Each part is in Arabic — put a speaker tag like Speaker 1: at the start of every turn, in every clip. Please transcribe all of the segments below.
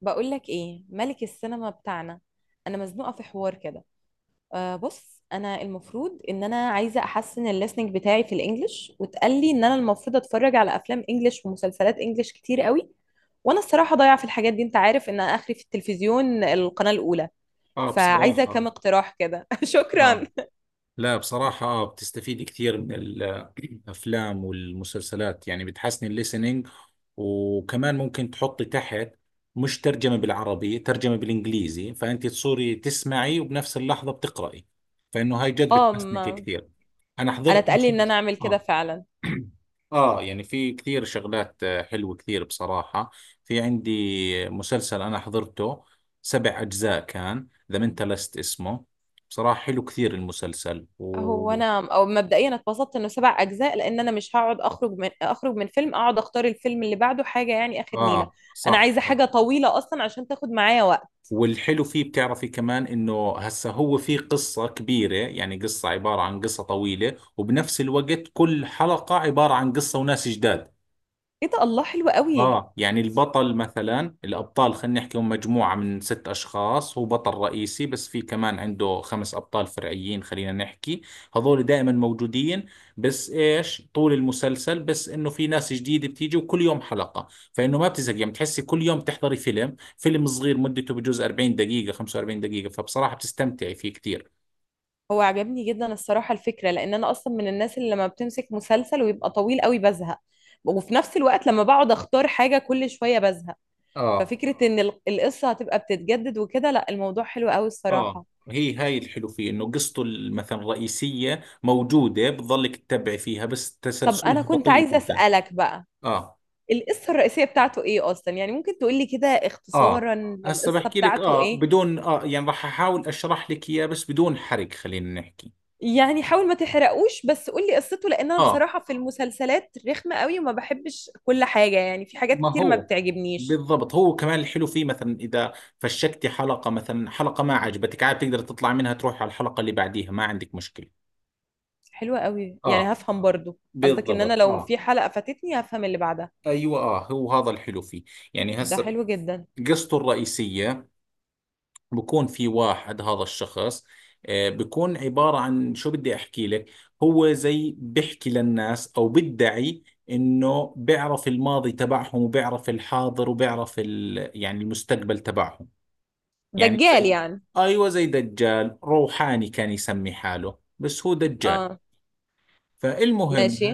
Speaker 1: بقولك ايه ملك السينما بتاعنا؟ انا مزنوقه في حوار كده. أه بص، انا المفروض ان انا عايزه احسن الليسننج بتاعي في الانجليش، واتقال لي ان انا المفروض اتفرج على افلام انجليش ومسلسلات انجليش كتير قوي. وانا الصراحه ضايعه في الحاجات دي، انت عارف ان أنا اخري في التلفزيون القناه الاولى.
Speaker 2: اه
Speaker 1: فعايزه كام
Speaker 2: بصراحة.
Speaker 1: اقتراح كده شكرا.
Speaker 2: اه. لا بصراحة، بتستفيد كثير من الافلام والمسلسلات، يعني بتحسن الليسننج. وكمان ممكن تحطي تحت، مش ترجمة بالعربي ترجمة بالانجليزي، فانت تصوري تسمعي وبنفس اللحظة بتقرأي، فانه هاي جد
Speaker 1: اه
Speaker 2: بتحسنك كثير. انا
Speaker 1: انا
Speaker 2: حضرت
Speaker 1: اتقال لي ان
Speaker 2: مسلسل.
Speaker 1: انا اعمل كده
Speaker 2: آه.
Speaker 1: فعلا.
Speaker 2: يعني في كثير شغلات، حلوة كثير بصراحة. في عندي مسلسل أنا حضرته سبع أجزاء، كان ذا منتالست اسمه. بصراحة حلو كثير المسلسل.
Speaker 1: هو انا او مبدئيا اتبسطت انه 7 اجزاء، لان انا مش هقعد اخرج من فيلم اقعد اختار الفيلم اللي بعده حاجه، يعني اخر نيله.
Speaker 2: آه،
Speaker 1: انا
Speaker 2: صح
Speaker 1: عايزه
Speaker 2: صح.
Speaker 1: حاجه طويله اصلا عشان تاخد معايا وقت.
Speaker 2: والحلو فيه بتعرفي كمان إنه هسا هو في قصة كبيرة، يعني قصة عبارة عن قصة طويلة، وبنفس الوقت كل حلقة عبارة عن قصة وناس جداد.
Speaker 1: ايه ده، الله حلو قوي.
Speaker 2: اه يعني البطل مثلا الابطال خلينا نحكي، هم مجموعة من ست اشخاص، هو بطل رئيسي بس في كمان عنده خمس ابطال فرعيين خلينا نحكي. هذول دائما موجودين، بس ايش طول المسلسل بس انه في ناس جديدة بتيجي وكل يوم حلقة، فانه ما بتزهق، يعني بتحسي كل يوم بتحضري فيلم صغير مدته بجوز 40 دقيقة 45 دقيقة، فبصراحة بتستمتعي فيه كثير.
Speaker 1: هو عجبني جدا الصراحه الفكره، لان انا اصلا من الناس اللي لما بتمسك مسلسل ويبقى طويل قوي بزهق، وفي نفس الوقت لما بقعد اختار حاجه كل شويه بزهق.
Speaker 2: اه.
Speaker 1: ففكره ان القصه هتبقى بتتجدد وكده، لا الموضوع حلو قوي
Speaker 2: اه
Speaker 1: الصراحه.
Speaker 2: هي هاي الحلو فيه انه قصته مثلا الرئيسية موجودة، بتضلك تتبع فيها، بس
Speaker 1: طب انا
Speaker 2: تسلسلها
Speaker 1: كنت
Speaker 2: بطيء
Speaker 1: عايزه
Speaker 2: جدا.
Speaker 1: اسالك بقى،
Speaker 2: اه.
Speaker 1: القصة الرئيسية بتاعته ايه اصلا؟ يعني ممكن تقولي كده
Speaker 2: اه،
Speaker 1: اختصارا
Speaker 2: هسه
Speaker 1: للقصة
Speaker 2: بحكي لك،
Speaker 1: بتاعته ايه.
Speaker 2: بدون، يعني راح احاول اشرح لك اياه بس بدون حرق خلينا نحكي.
Speaker 1: يعني حاول ما تحرقوش بس قولي قصته، لان انا
Speaker 2: اه،
Speaker 1: بصراحة في المسلسلات رخمة قوي وما بحبش كل حاجة، يعني في حاجات
Speaker 2: ما
Speaker 1: كتير ما
Speaker 2: هو
Speaker 1: بتعجبنيش.
Speaker 2: بالضبط، هو كمان الحلو فيه مثلا اذا فشكتي حلقة، مثلا حلقة ما عجبتك، عاد بتقدر تطلع منها تروح على الحلقة اللي بعديها، ما عندك مشكلة.
Speaker 1: حلوة قوي، يعني
Speaker 2: اه،
Speaker 1: هفهم برضو قصدك ان انا
Speaker 2: بالضبط.
Speaker 1: لو
Speaker 2: اه،
Speaker 1: في حلقة فاتتني هفهم اللي بعدها.
Speaker 2: ايوه. اه، هو هذا الحلو فيه. يعني
Speaker 1: ده
Speaker 2: هسه
Speaker 1: حلو جدا.
Speaker 2: قصته الرئيسية، بكون في واحد هذا الشخص، بكون عبارة عن شو بدي أحكي لك. هو زي بحكي للناس أو بدعي إنه بيعرف الماضي تبعهم وبيعرف الحاضر وبيعرف يعني المستقبل تبعهم. يعني
Speaker 1: دجال
Speaker 2: زي،
Speaker 1: يعني.
Speaker 2: أيوة زي دجال روحاني كان يسمي حاله، بس هو دجال.
Speaker 1: اه.
Speaker 2: فالمهم،
Speaker 1: ماشي.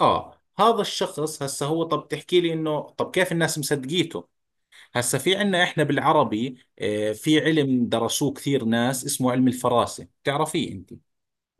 Speaker 2: آه، هذا الشخص هسه هو. طب تحكي لي إنه طب كيف الناس مصدقيته؟ هسا في عنا احنا بالعربي، في علم درسوه كثير ناس اسمه علم الفراسة، بتعرفيه انت؟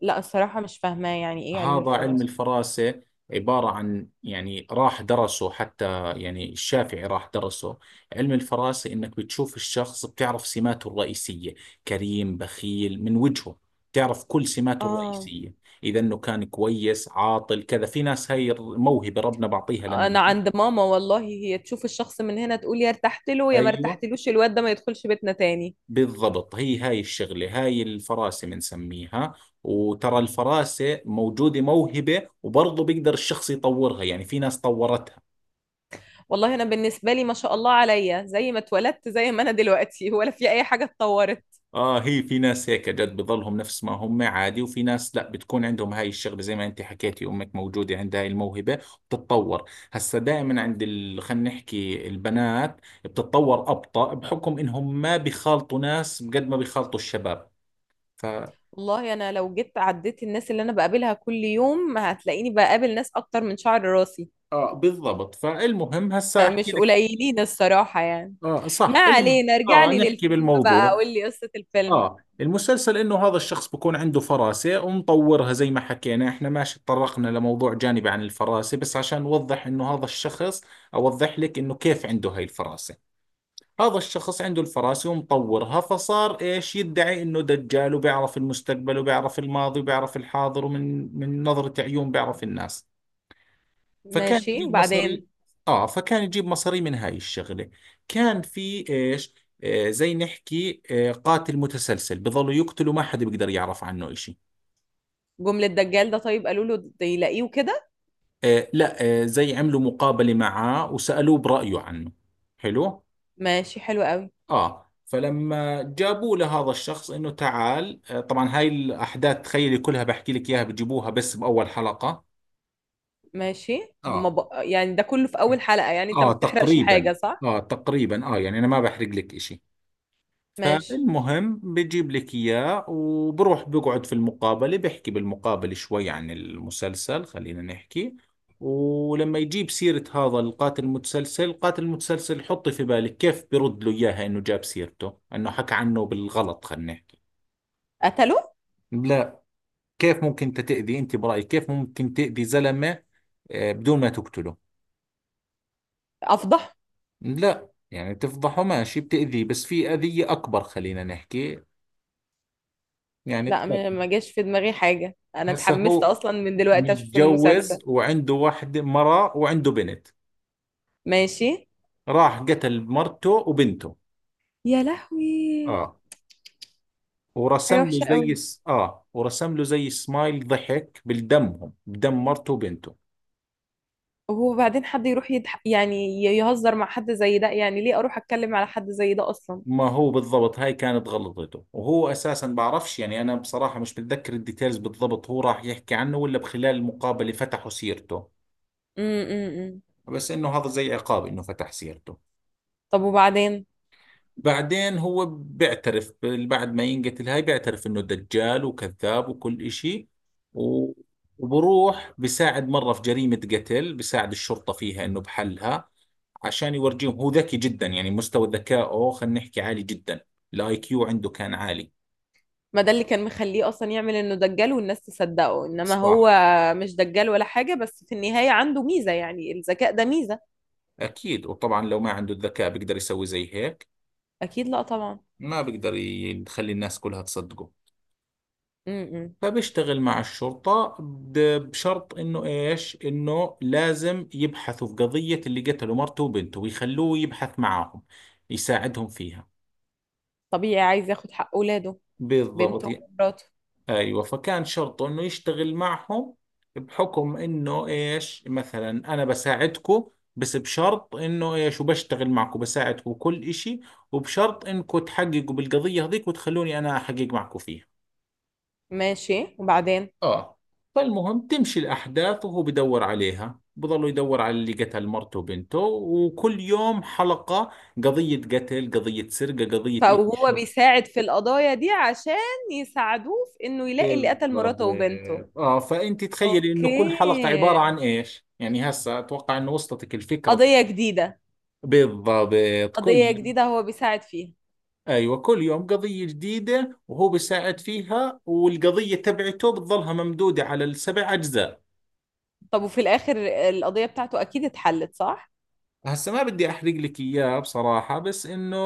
Speaker 1: لا الصراحة مش فاهمة يعني ايه علم
Speaker 2: هذا علم
Speaker 1: الفراسة.
Speaker 2: الفراسة، عبارة عن، يعني راح درسه حتى، يعني الشافعي راح درسه. علم الفراسة انك بتشوف الشخص بتعرف سماته الرئيسية، كريم بخيل من وجهه، بتعرف كل سماته
Speaker 1: اه.
Speaker 2: الرئيسية، إذا إنه كان كويس عاطل كذا. في ناس هاي موهبة ربنا بعطيها لنا.
Speaker 1: انا عند ماما والله، هي تشوف الشخص من هنا تقول يا ارتحت له يا ما
Speaker 2: أيوة،
Speaker 1: ارتحتلوش الواد ده ما يدخلش بيتنا تاني.
Speaker 2: بالضبط. هي هاي الشغلة هاي الفراسة بنسميها. وترى الفراسة موجودة موهبة، وبرضه بيقدر الشخص يطورها، يعني في ناس طورتها.
Speaker 1: والله انا بالنسبه لي ما شاء الله عليا زي ما اتولدت زي ما انا دلوقتي، ولا في اي حاجه اتطورت.
Speaker 2: اه، هي في ناس هيك جد بضلهم نفس ما هم عادي، وفي ناس لا بتكون عندهم هاي الشغلة، زي ما انت حكيتي امك موجودة عندها هاي الموهبة. بتتطور هسا دائما عند خلينا نحكي البنات، بتتطور أبطأ بحكم انهم ما بيخالطوا ناس قد ما بيخالطوا الشباب ف...
Speaker 1: والله انا لو جيت عديت الناس اللي انا بقابلها كل يوم هتلاقيني بقابل ناس اكتر من شعر راسي.
Speaker 2: اه، بالضبط. فالمهم هسا احكي
Speaker 1: مش
Speaker 2: لك.
Speaker 1: قليلين الصراحه يعني.
Speaker 2: اه،
Speaker 1: ما
Speaker 2: صح.
Speaker 1: علينا، ارجع
Speaker 2: اه،
Speaker 1: لي
Speaker 2: نحكي
Speaker 1: للفيلم بقى
Speaker 2: بالموضوع.
Speaker 1: قول لي قصه الفيلم.
Speaker 2: اه المسلسل انه هذا الشخص بكون عنده فراسة ومطورها زي ما حكينا احنا، ماشي، تطرقنا لموضوع جانبي عن الفراسة بس عشان نوضح انه هذا الشخص، اوضح لك انه كيف عنده هاي الفراسة. هذا الشخص عنده الفراسة ومطورها، فصار ايش، يدعي انه دجال وبيعرف المستقبل وبيعرف الماضي وبيعرف الحاضر، ومن نظرة عيون بيعرف الناس. فكان
Speaker 1: ماشي،
Speaker 2: يجيب
Speaker 1: وبعدين؟
Speaker 2: مصاري. اه، فكان يجيب مصاري من هاي الشغلة. كان في ايش، زي نحكي، آه قاتل متسلسل، بظلوا يقتلوا ما حدا بيقدر يعرف عنه اشي.
Speaker 1: جمله دجال ده، طيب قالوا له يلاقيه كده؟
Speaker 2: آه، لا. زي عملوا مقابلة معاه وسألوه برأيه عنه. حلو.
Speaker 1: ماشي حلو قوي.
Speaker 2: اه، فلما جابوا لهذا الشخص انه تعال، طبعا هاي الاحداث تخيلي كلها بحكي لك اياها، بجيبوها بس باول حلقة.
Speaker 1: ماشي.
Speaker 2: اه.
Speaker 1: يعني ده كله في اول حلقة، يعني انت
Speaker 2: اه
Speaker 1: ما بتحرقش
Speaker 2: تقريبا.
Speaker 1: حاجة صح؟
Speaker 2: اه تقريبا. اه يعني انا ما بحرق لك اشي.
Speaker 1: ماشي.
Speaker 2: فالمهم بجيب لك إياه وبروح بقعد في المقابلة، بحكي بالمقابلة شوي عن المسلسل خلينا نحكي. ولما يجيب سيرة هذا القاتل المتسلسل، حطي في بالك كيف برد له إياها، إنه جاب سيرته إنه حكى عنه بالغلط خلينا نحكي.
Speaker 1: قتله؟
Speaker 2: لا، كيف ممكن أنت تأذي، أنت برأيك كيف ممكن تأذي زلمة، بدون ما تقتله؟
Speaker 1: افضح.
Speaker 2: لا، يعني تفضحه؟ ماشي، بتأذيه بس في أذية أكبر خلينا نحكي. يعني
Speaker 1: لا
Speaker 2: قتل.
Speaker 1: ما جاش في دماغي حاجة، انا
Speaker 2: هسا
Speaker 1: اتحمست
Speaker 2: هو
Speaker 1: اصلا من دلوقتي اشوف
Speaker 2: متجوز
Speaker 1: المسلسل.
Speaker 2: وعنده واحدة مرة وعنده بنت.
Speaker 1: ماشي.
Speaker 2: راح قتل مرته وبنته.
Speaker 1: يا لهوي.
Speaker 2: اه.
Speaker 1: حاجة وحشة قوي.
Speaker 2: ورسم له زي سمايل ضحك بالدمهم، بدم مرته وبنته.
Speaker 1: وبعدين حد يروح يعني يهزر مع حد زي ده؟ يعني ليه اروح اتكلم على حد زي ده اصلا.
Speaker 2: ما هو بالضبط، هاي كانت غلطته، وهو اساسا بعرفش، يعني انا بصراحة مش بتذكر الديتيلز بالضبط، هو راح يحكي عنه ولا بخلال المقابلة فتحوا سيرته.
Speaker 1: امم.
Speaker 2: بس انه هذا زي عقاب انه فتح سيرته.
Speaker 1: طب وبعدين؟
Speaker 2: بعدين هو بعد ما ينقتل هاي بيعترف انه دجال وكذاب وكل اشي. و- وبروح بساعد مرة في جريمة قتل، بساعد الشرطة فيها انه بحلها، عشان يورجيهم هو ذكي جدا، يعني مستوى ذكائه خلينا نحكي عالي جدا، الاي كيو عنده كان عالي.
Speaker 1: ما ده اللي كان مخليه اصلا يعمل انه دجال والناس تصدقه، انما هو
Speaker 2: صح،
Speaker 1: مش دجال ولا حاجة، بس في النهاية عنده ميزة، يعني الذكاء ده ميزة.
Speaker 2: اكيد. وطبعا لو ما عنده الذكاء بيقدر يسوي زي هيك،
Speaker 1: اكيد لا طبعا.
Speaker 2: ما بيقدر يخلي الناس كلها تصدقه.
Speaker 1: امم.
Speaker 2: فبيشتغل مع الشرطة بشرط انه ايش، انه لازم يبحثوا في قضية اللي قتلوا مرته وبنته، ويخلوه يبحث معاهم، يساعدهم فيها.
Speaker 1: طبيعي عايز ياخد حق اولاده،
Speaker 2: بالضبط.
Speaker 1: بنته ومراته.
Speaker 2: ايوه، فكان شرطه انه يشتغل معهم بحكم انه ايش، مثلا انا بساعدكم، بس بشرط انه ايش، وبشتغل معكم بساعدكم كل اشي، وبشرط انكم تحققوا بالقضية هذيك وتخلوني انا احقق معكم فيها.
Speaker 1: ماشي، وبعدين؟
Speaker 2: اه. فالمهم تمشي الأحداث وهو بدور عليها، بضل يدور على اللي قتل مرته وبنته، وكل يوم حلقة، قضية قتل قضية سرقة قضية إيش
Speaker 1: فهو
Speaker 2: شر.
Speaker 1: بيساعد في القضايا دي عشان يساعدوه في انه يلاقي اللي قتل
Speaker 2: بالضبط.
Speaker 1: مراته وبنته.
Speaker 2: اه فأنت تخيلي إنه
Speaker 1: اوكي.
Speaker 2: كل حلقة عبارة عن إيش، يعني هسه أتوقع إنه وصلتك الفكرة.
Speaker 1: قضية جديدة.
Speaker 2: بالضبط كل
Speaker 1: قضية
Speaker 2: يوم.
Speaker 1: جديدة هو بيساعد فيها.
Speaker 2: أيوة، كل يوم قضية جديدة وهو بيساعد فيها، والقضية تبعته بتظلها ممدودة على السبع أجزاء.
Speaker 1: طب وفي الاخر القضية بتاعته اكيد اتحلت صح؟
Speaker 2: هسه ما بدي احرق لك اياه بصراحة، بس انه،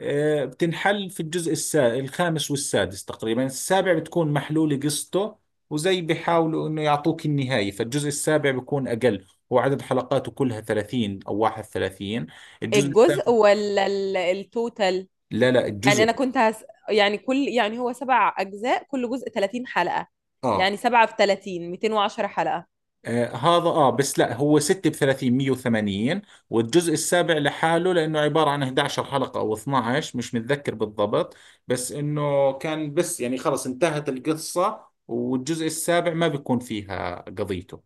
Speaker 2: بتنحل في الخامس والسادس تقريبا، السابع بتكون محلولة قصته، وزي بيحاولوا انه يعطوك النهاية، فالجزء السابع بيكون اقل، وعدد حلقاته كلها 30 او 31. الجزء
Speaker 1: الجزء
Speaker 2: السابع.
Speaker 1: ولا التوتال؟
Speaker 2: لا لا، الجزء.
Speaker 1: يعني كل يعني هو سبع اجزاء كل جزء 30 حلقة؟
Speaker 2: اه،
Speaker 1: يعني سبعة في 30، 210 حلقة.
Speaker 2: آه هذا، اه بس لا هو 6 ب 30 180. والجزء السابع لحاله، لانه عبارة عن 11 حلقة او 12 مش متذكر بالضبط، بس انه كان بس يعني خلص انتهت القصة، والجزء السابع ما بيكون فيها قضيته،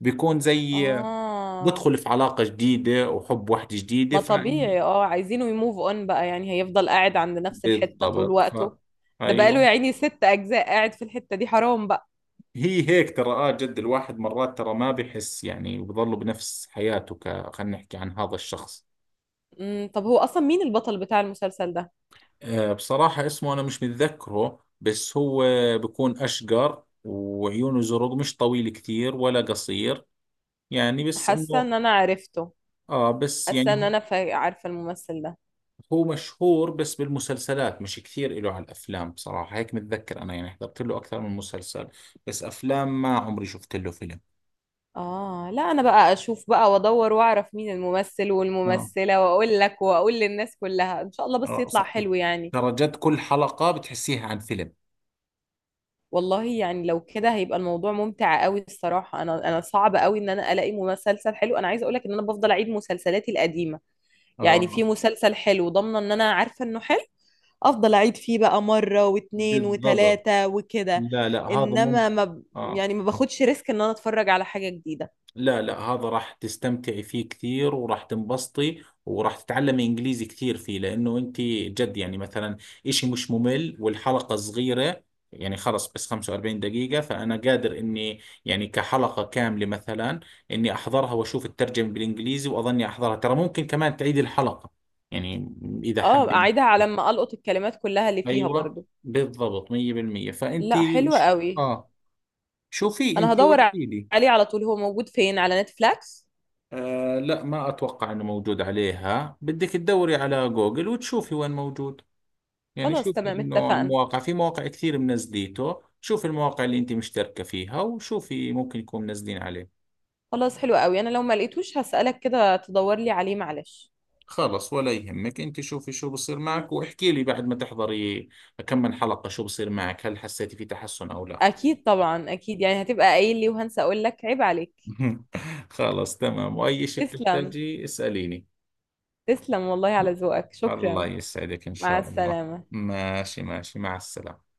Speaker 2: بيكون زي،
Speaker 1: اه.
Speaker 2: بدخل في علاقة جديدة وحب واحدة جديدة
Speaker 1: ما
Speaker 2: فإن.
Speaker 1: طبيعي، اه عايزينه يموف اون بقى، يعني هيفضل قاعد عند نفس الحتة طول
Speaker 2: بالضبط
Speaker 1: وقته؟ ده بقاله يا
Speaker 2: ايوه.
Speaker 1: عيني 6 اجزاء قاعد في الحتة دي، حرام بقى.
Speaker 2: هي هيك ترى، اه جد الواحد مرات ترى ما بحس يعني، وبضله بنفس حياته ك خلينا نحكي عن هذا الشخص.
Speaker 1: امم. طب هو اصلا مين البطل بتاع المسلسل ده؟
Speaker 2: آه، بصراحة اسمه أنا مش متذكره، بس هو بكون أشقر وعيونه زرق، مش طويل كثير ولا قصير، يعني بس
Speaker 1: حاسة
Speaker 2: إنه،
Speaker 1: ان انا عرفته.
Speaker 2: بس
Speaker 1: حاسة
Speaker 2: يعني
Speaker 1: ان
Speaker 2: هو،
Speaker 1: انا عارفة الممثل ده.
Speaker 2: هو مشهور بس بالمسلسلات مش كثير إله على الأفلام، بصراحة هيك متذكر أنا، يعني حضرت له أكثر من مسلسل بس أفلام ما عمري شفت له فيلم.
Speaker 1: اه لا انا بقى اشوف بقى وادور واعرف مين الممثل
Speaker 2: آه.
Speaker 1: والممثلة، واقول لك واقول للناس كلها، ان شاء الله بس
Speaker 2: آه
Speaker 1: يطلع
Speaker 2: صح.
Speaker 1: حلو يعني.
Speaker 2: ترى جد كل حلقة بتحسيها عن فيلم.
Speaker 1: والله يعني لو كده هيبقى الموضوع ممتع قوي الصراحة. انا صعب قوي ان انا الاقي مسلسل حلو. انا عايزة اقولك ان انا بفضل اعيد مسلسلاتي القديمة. يعني في
Speaker 2: آه،
Speaker 1: مسلسل حلو ضامنة ان انا عارفة انه حلو، افضل اعيد فيه بقى مرة واتنين
Speaker 2: بالضبط.
Speaker 1: وتلاتة وكده.
Speaker 2: لا لا هذا
Speaker 1: انما
Speaker 2: ممكن.
Speaker 1: ما ب...
Speaker 2: آه،
Speaker 1: يعني ما باخدش ريسك ان انا اتفرج على حاجة جديدة.
Speaker 2: لا لا، هذا راح تستمتعي فيه كثير، وراح تنبسطي، وراح تتعلمي انجليزي كثير فيه، لانه انت جد، يعني مثلا اشي مش ممل والحلقة صغيرة، يعني خلص بس 45 دقيقة، فأنا قادر إني، يعني كحلقة كاملة مثلا، إني أحضرها وأشوف الترجمة بالإنجليزي، وأظني أحضرها، ترى ممكن كمان تعيد الحلقة، يعني إذا
Speaker 1: اه،
Speaker 2: حابة
Speaker 1: اعيدها
Speaker 2: إنك.
Speaker 1: على ما القط الكلمات كلها اللي فيها
Speaker 2: أيوة،
Speaker 1: برضو.
Speaker 2: بالضبط 100%. فأنت
Speaker 1: لا حلو
Speaker 2: ش-
Speaker 1: قوي.
Speaker 2: آه، شوفي
Speaker 1: انا
Speaker 2: أنت
Speaker 1: هدور
Speaker 2: واحكي لي.
Speaker 1: عليه على طول، هو موجود فين؟ على نتفليكس؟
Speaker 2: آه، لا ما أتوقع أنه موجود عليها، بدك تدوري على جوجل وتشوفي وين موجود، يعني
Speaker 1: خلاص
Speaker 2: شوفي
Speaker 1: تمام
Speaker 2: أنه
Speaker 1: اتفقنا.
Speaker 2: المواقع، في مواقع كثير منزليته، شوفي المواقع اللي أنت مشتركة فيها وشوفي ممكن يكون منزلين عليه.
Speaker 1: خلاص حلو قوي، انا لو ما لقيتوش هسألك كده تدور لي عليه، معلش.
Speaker 2: خلص ولا يهمك، أنت شوفي شو بصير معك واحكي لي بعد ما تحضري كم من حلقة، شو بصير معك، هل حسيتي في تحسن أو لا؟
Speaker 1: اكيد طبعا، اكيد يعني هتبقى قايل لي وهنسى اقول لك، عيب عليك.
Speaker 2: خلص تمام، وأي شيء
Speaker 1: تسلم.
Speaker 2: بتحتاجي اسأليني.
Speaker 1: تسلم والله على ذوقك،
Speaker 2: الله
Speaker 1: شكرا.
Speaker 2: يسعدك إن
Speaker 1: مع
Speaker 2: شاء الله.
Speaker 1: السلامة.
Speaker 2: ماشي ماشي، مع السلامة.